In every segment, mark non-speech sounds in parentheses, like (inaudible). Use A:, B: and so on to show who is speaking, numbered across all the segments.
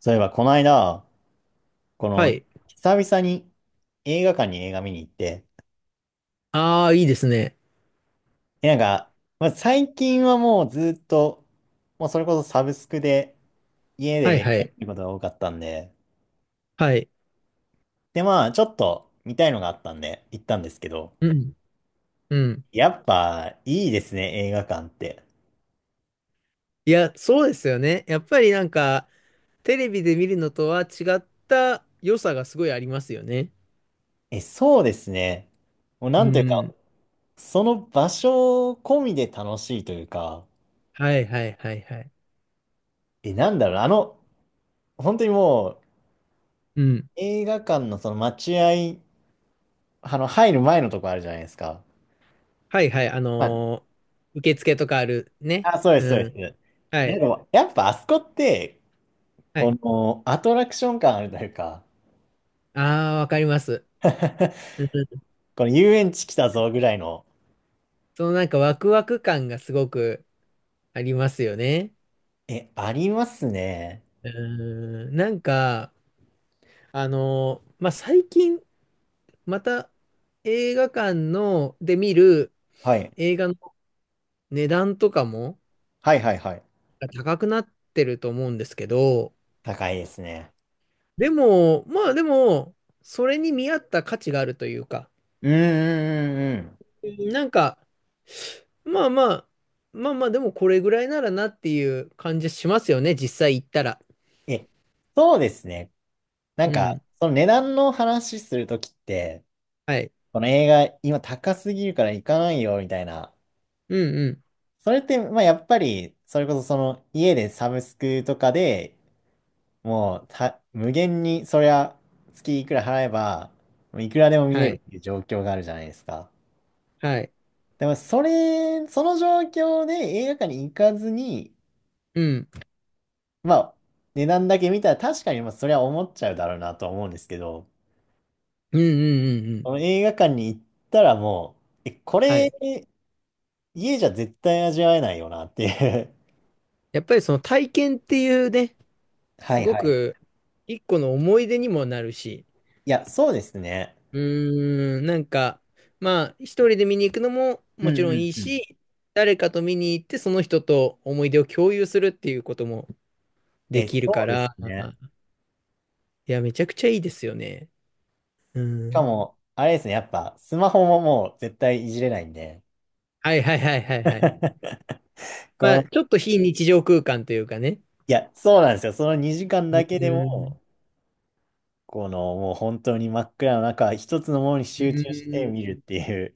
A: そういえば、この間、こ
B: は
A: の、
B: い。
A: 久々に映画館に映画見に行って、
B: ああ、いいですね。
A: でなんか、まあ、最近はもうずっと、もうそれこそサブスクで、家で
B: はいは
A: 映画
B: い。
A: 見ることが多かったんで、
B: はい。
A: で、まあ、ちょっと見たいのがあったんで、行ったんですけど、
B: うん。うん。
A: やっぱ、いいですね、映画館って。
B: いや、そうですよね。やっぱりなんか、テレビで見るのとは違った良さがすごいありますよね。
A: そうですね。もう、な
B: う
A: んというか、
B: ん。
A: その場所込みで楽しいというか、
B: はいはいはいはい。
A: なんだろうな、本当にもう、
B: うん。
A: 映画館のその待合入る前のとこあるじゃないですか。
B: はいはい。
A: ま
B: 受付とかあるね。
A: あ、あ、そうです、そう
B: う
A: で
B: ん。は
A: す。なん
B: い。
A: か、やっぱあそこって、
B: は
A: こ
B: い。
A: のアトラクション感あるというか、
B: ああ、わかります。
A: (laughs)
B: うん、
A: この遊園地来たぞぐらいの、
B: そのなんかワクワク感がすごくありますよね。
A: ありますね。
B: うん。なんか、まあ、最近、また映画館ので見る
A: はい。
B: 映画の値段とかも
A: はいはいはい。
B: 高くなってると思うんですけど、
A: 高いですね。
B: でも、まあ、それに見合った価値があるというか、
A: うんうんうんうん。
B: なんか、まあまあ、まあまあ、でもこれぐらいならなっていう感じしますよね、実際行ったら。
A: え、そうですね。なん
B: う
A: か、
B: ん。
A: その値段の話するときって、
B: はい。
A: この映画今高すぎるから行かないよみたいな。
B: うんうん。
A: それって、まあやっぱり、それこそその家でサブスクとかでもうた、無限に、そりゃ、月いくら払えば、もういくらでも見
B: は
A: れる
B: い。
A: っていう状況があるじゃないですか。
B: はい。
A: でも、それ、その状況で映画館に行かずに、
B: うん。
A: まあ、値段だけ見たら確かに、まあ、それは思っちゃうだろうなとは思うんですけど、
B: うんうんうんうん。
A: この映画館に行ったらもう、こ
B: は
A: れ、
B: い。
A: 家じゃ絶対味わえないよなっていう
B: やっぱりその体験っていうね、
A: (laughs) は
B: す
A: い
B: ご
A: はい。
B: く一個の思い出にもなるし、
A: いや、そうですね。
B: うーん、なんか、まあ、一人で見に行くのも
A: うん
B: もちろんい
A: う
B: い
A: んうん。
B: し、誰かと見に行ってその人と思い出を共有するっていうこともできる
A: そ
B: か
A: うです
B: ら、
A: ね。
B: いや、めちゃくちゃいいですよね。う
A: しか
B: ん。
A: も、あれですね、やっぱ、スマホももう絶対いじれないんで、
B: はいはいはいはいはい。
A: (laughs) こ
B: ま
A: の、
B: あ、ちょっと非日常空間というかね。
A: いや、そうなんですよ。その2時間
B: う
A: だけで
B: ん。
A: も、もう本当に真っ暗の中、一つのものに
B: う
A: 集中して
B: ん。
A: 見るっていう、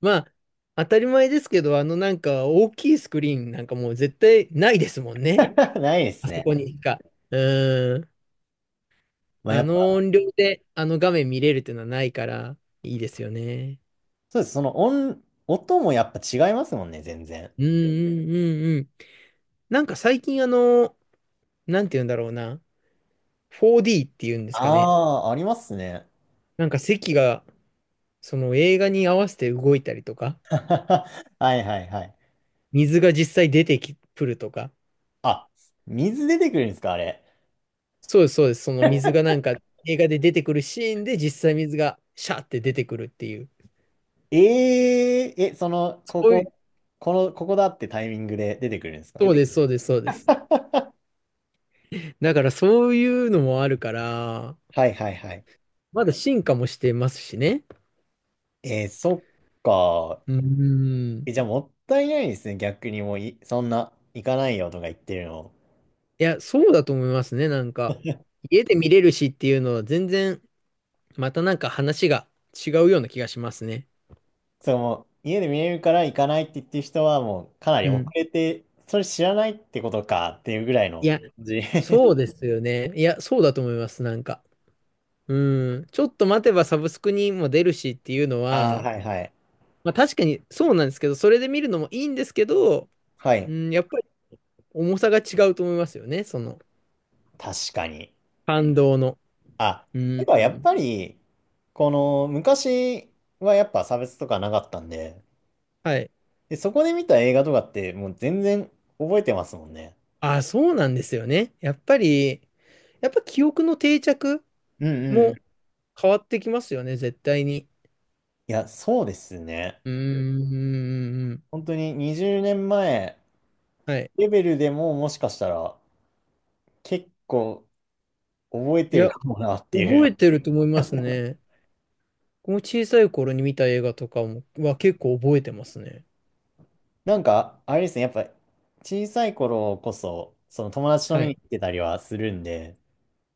B: まあ、当たり前ですけど、なんか大きいスクリーンなんかもう絶対ないですもんね。
A: (laughs) ないです
B: あそ
A: ね。
B: こにしか。うん。
A: まあ、や
B: あ
A: っ
B: の
A: ぱ、
B: 音量であの画面見れるっていうのはないから、いいですよね。
A: そうです。音もやっぱ違いますもんね、全然。
B: うんうんうんうん。なんか最近なんて言うんだろうな。4D っていうんですかね。
A: ああ、ありますね。
B: なんか席が、その映画に合わせて動いたりとか、
A: (laughs) はいはいはい。
B: 水が実際出てき、くるとか。
A: あ、水出てくるんですか、あれ。
B: そうです、そうです。その水がなんか映画で出てくるシーンで実際水がシャーって出てくるっていう。
A: えええ、
B: そういう、
A: ここだってタイミングで出てくるんです
B: そ
A: か？
B: うです、そうです、そうです。だからそういうのもあるから、
A: はいはいはい。
B: まだ進化もしてますしね。
A: えー、そっか。
B: うーん。
A: じゃあもったいないですね。逆にもうい、そんな、行かないよとか言ってるの。
B: いや、そうだと思いますね。なんか、家で見れるしっていうのは全然、またなんか話が違うような気がしますね。
A: それもう、家で見れるから行かないって言ってる人は、もう、かなり
B: う
A: 遅
B: ん。
A: れて、それ知らないってことかっていうぐらいの
B: いや、
A: 感じ。
B: そう
A: (laughs)
B: ですよね。いや、そうだと思います。なんか。うん。ちょっと待てばサブスクにも出るしっていうの
A: ああ、
B: は、
A: はいはい。
B: まあ確かにそうなんですけど、それで見るのもいいんですけど、
A: は
B: う
A: い。
B: ん、やっぱり重さが違うと思いますよね。その、
A: 確かに。
B: 感動の。
A: あ、
B: う
A: て
B: ん。
A: かやっぱり、昔はやっぱ差別とかなかったんで、
B: はい。
A: で、そこで見た映画とかって、もう全然覚えてますもんね。
B: あ、そうなんですよね。やっぱり、やっぱ記憶の定着
A: うんうんうん。
B: も
A: い
B: 変わってきますよね、絶対に。
A: や、そうですね。
B: うーん。
A: 本当に20年前
B: はい。
A: レベルでももしかしたら結構覚え
B: い
A: てる
B: や、
A: かもなってい
B: 覚え
A: う。
B: てると思いますね。この小さい頃に見た映画とかもは結構覚えてますね。
A: なんか、あれですね、やっぱ小さい頃こそ、その友達と
B: は
A: 見に
B: い。
A: 行ってたりはするんで、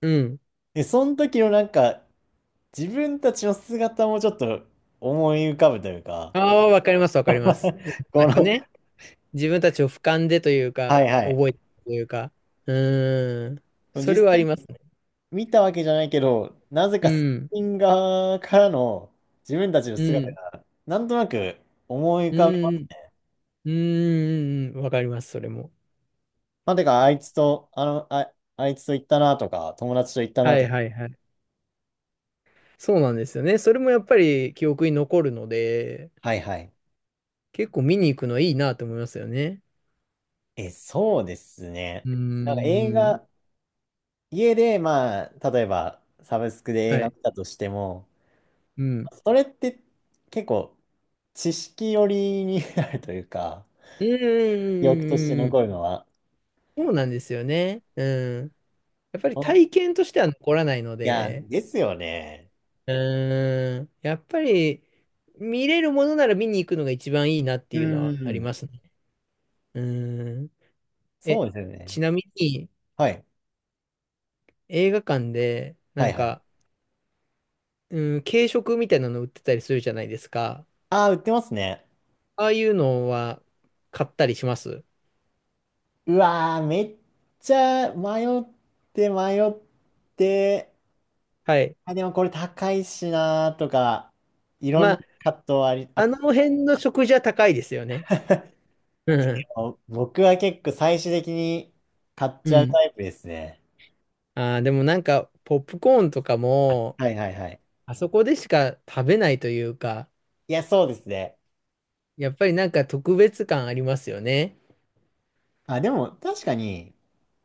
B: うん。
A: で、その時のなんか自分たちの姿もちょっと思い浮かぶというか、
B: ああ、わかります、わかります。
A: (laughs)
B: な
A: こ
B: んか
A: の、
B: ね、自分たちを俯瞰でという
A: は
B: か、
A: いはい。
B: 覚えてるというか。うーん。そ
A: 実
B: れはあり
A: 際
B: ますね。
A: 見たわけじゃないけど、なぜ
B: う
A: かス
B: ん。
A: ピン側からの自分たちの
B: う
A: 姿
B: ん。
A: がなんとなく思い浮
B: う
A: かぶ。
B: ん。うん。うん。うん、わかります、それも。
A: まあ、てか、あいつと、あの、あ、あいつと行ったなとか、友達と行ったな
B: は
A: と
B: い
A: か。
B: はいはい。そうなんですよね。それもやっぱり記憶に残るので、
A: はいはい。
B: 結構見に行くのいいなと思いますよね。
A: そうですね。
B: うー
A: なんか映
B: ん。
A: 画、家で、まあ、例えば、サブスクで映
B: は
A: 画
B: い。
A: 見たとしても、
B: うん。
A: それって結構、知識寄りになるというか、
B: う
A: 記憶として
B: ーん。
A: 残るのは。
B: そうなんですよね。うん。やっぱり
A: お
B: 体
A: い
B: 験としては残らないの
A: や、
B: で、
A: ですよね。
B: うーん。やっぱり見れるものなら見に行くのが一番いいなって
A: う
B: いうの
A: んう
B: は
A: ん
B: あ
A: う
B: り
A: ん。
B: ますね。うーん。
A: そ
B: え、
A: うですよ
B: ち
A: ね。
B: なみに
A: はい。
B: 映画館でな
A: はい
B: ん
A: はい。
B: か、うん、軽食みたいなの売ってたりするじゃないですか。
A: ああ、売ってますね。
B: ああいうのは買ったりします？
A: うわー、めっちゃ迷って迷って、
B: はい。
A: あ、でもこれ高いしなーとか、いろん
B: ま
A: な
B: あ、
A: 葛藤あり、
B: あ
A: あ、
B: の辺の食事は高いですよね。うん。
A: (laughs) 僕は結構最終的に買っ
B: う
A: ちゃう
B: ん。
A: タイプですね。
B: ああ、でもなんか、ポップコーンとかも、
A: はいはいはい。
B: あそこでしか食べないというか、
A: いや、そうですね。
B: やっぱりなんか特別感ありますよね。
A: あ、でも確かに、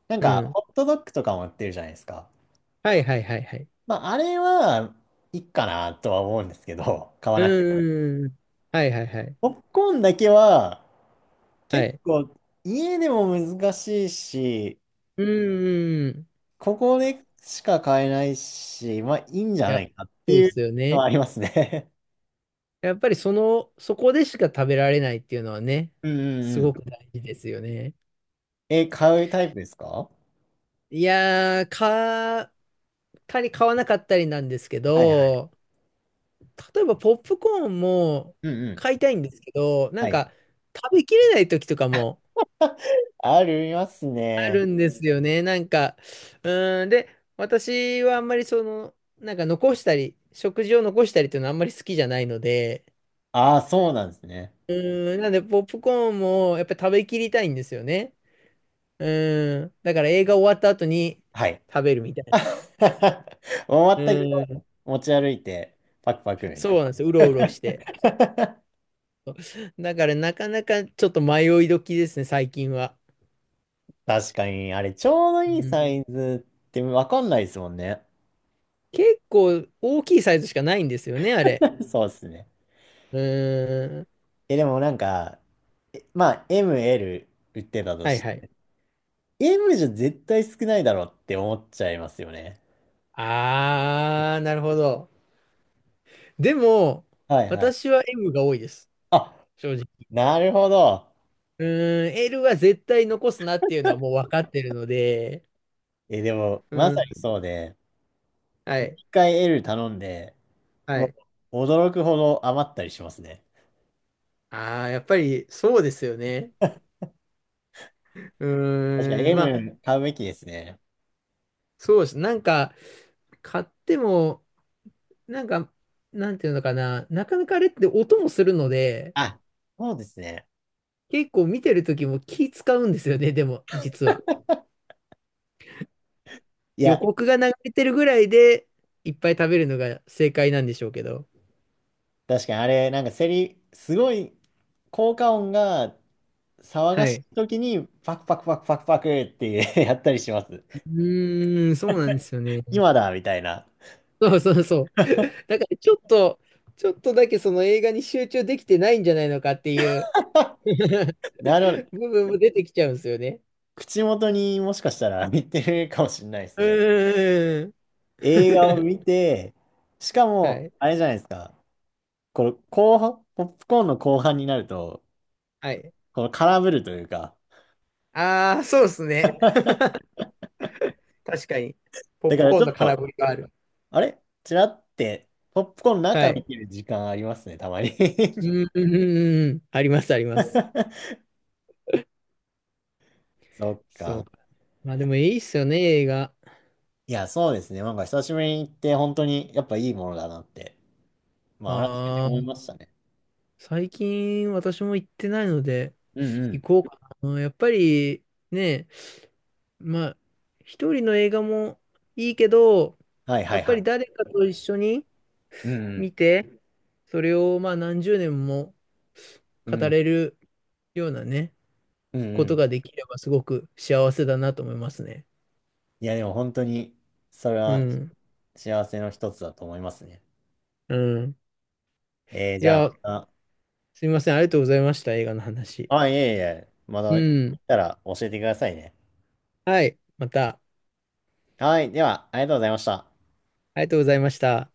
A: なん
B: う
A: か
B: ん。
A: ホットドッグとかも売ってるじゃないですか。
B: はいはいはいはい。
A: まあ、あれはいいかなとは思うんですけど、買わ
B: う
A: なくて。
B: ーん。はいはいはい。
A: ポップコーンだけは
B: は
A: 結
B: い。
A: 構家でも難しいし、
B: うーん。
A: ここでしか買えないし、まあいいんじゃ
B: いや、
A: ないかって
B: そうで
A: いう
B: すよ
A: の
B: ね。
A: はありますね。
B: やっぱりその、そこでしか食べられないっていうのはね、
A: うんうん
B: す
A: う
B: ご
A: ん。
B: く大事ですよね。
A: 買うタイプですか？は
B: いやー、たり買わなかったりなんですけ
A: いはい。
B: ど、例えばポップコーンも
A: うんうん。
B: 買いたいんですけど、な
A: は
B: ん
A: い。
B: か食べきれない時とかも
A: (laughs) あります
B: あ
A: ね。
B: るんですよね。なんか、うーん、で、私はあんまりその、なんか残したり、食事を残したりっていうのはあんまり好きじゃないので、
A: ああ、そうなんですね。
B: うーん、なんでポップコーンもやっぱり食べきりたいんですよね。うーん、だから映画終わった後に
A: はい。
B: 食べるみたいな。
A: (laughs) 終わ
B: う
A: ったけ
B: ーん、
A: ど持ち歩いて、パクパクみ
B: そ
A: た
B: う
A: い
B: なんですよ。うろうろして。
A: な。
B: だからなかなかちょっと迷い時ですね、最近は。
A: (laughs) 確かに、あれ、ちょうど
B: う
A: いい
B: ん。
A: サイズってわかんないですもんね。
B: 結構大きいサイズしかないんですよね、あれ。
A: (laughs) そうですね。
B: うーん。
A: でもなんか、まあ、M、L 売ってたと
B: はい
A: し
B: はい。
A: て、M じゃ絶対少ないだろうって思っちゃいますよね。
B: あー、なるほど。でも、
A: はいはい。
B: 私は M が多いです。
A: あ、
B: 正直。
A: なるほど。
B: うーん、L は絶対残すなっていうのはもう分かってるので。
A: でも、
B: う
A: まさ
B: ん。
A: にそうで、
B: はい。
A: 一回 L 頼んで、
B: は
A: も
B: い。
A: う驚くほど余ったりしますね。
B: ああ、やっぱりそうですよね。う
A: 確かに
B: ーん。まあ、
A: M 買うべきですね。
B: そうです。なんか、買っても、なんか、なんていうのかな、なかなかあれって音もするので、
A: あ、そうですね。
B: 結構見てる時も気使うんですよね、でも、実は。
A: い
B: 予
A: や、
B: 告が流れてるぐらいで、いっぱい食べるのが正解なんでしょうけど。
A: 確かにあれ、なんかすごい、効果音が騒が
B: は
A: し
B: い。
A: い時に、パクパクパクパクパクって (laughs) やったりします。
B: うーん、そうなんですよね。
A: 今だみたいな。
B: そうそうそう。(laughs) だからちょっとだけその映画に集中できてないんじゃないのかっていう
A: (laughs)
B: (laughs)
A: なるほど。
B: 部分も出てきちゃうんですよね。
A: 口元にもしかしたら見てるかもしれないですね。
B: うーん。
A: 映画を
B: (laughs)
A: 見て、しか
B: は
A: も、
B: い。
A: あれじゃないですか。この後半、ポップコーンの後半になると、
B: はい。
A: この空振るというか、
B: ああ、そうですね。確かに。ポッ
A: だか
B: プ
A: ら
B: コー
A: ち
B: ン
A: ょ
B: の
A: っ
B: 空
A: と、
B: 振りがある。
A: あれちらって、ポップコーンの
B: は
A: 中見
B: い。
A: てる時間ありますね、たまに。
B: うん、うん、うん、うん。あります、あります。
A: (laughs) そっ
B: そう
A: か。
B: か。まあでもいいっすよね、映画。
A: いや、そうですね。なんか久しぶりに行って、本当にやっぱいいものだなって、まあ改めて
B: あ
A: 思い
B: あ、
A: ましたね。
B: 最近私も行ってないので、
A: うんう
B: 行
A: ん。
B: こうかな。やっぱりね、まあ、一人の映画もいいけど、
A: はい
B: や
A: は
B: っ
A: い
B: ぱ
A: は
B: り
A: い。
B: 誰かと一緒に
A: うんうん。
B: 見て、それをまあ何十年も
A: う
B: 語
A: ん
B: れるようなね、
A: うん
B: こ
A: う
B: と
A: ん。
B: ができればすごく幸せだなと思いますね。
A: いや、でも本当に、それ
B: う
A: は
B: ん。
A: 幸せの一つだと思いますね。
B: うん。い
A: じゃあ
B: や、
A: ま
B: すみません。ありがとうございました。映画の話。
A: た、あ、いえいえ、また
B: う
A: 行
B: ん。
A: ったら教えてくださいね。
B: はい。また。
A: はい。では、ありがとうございました。
B: ありがとうございました。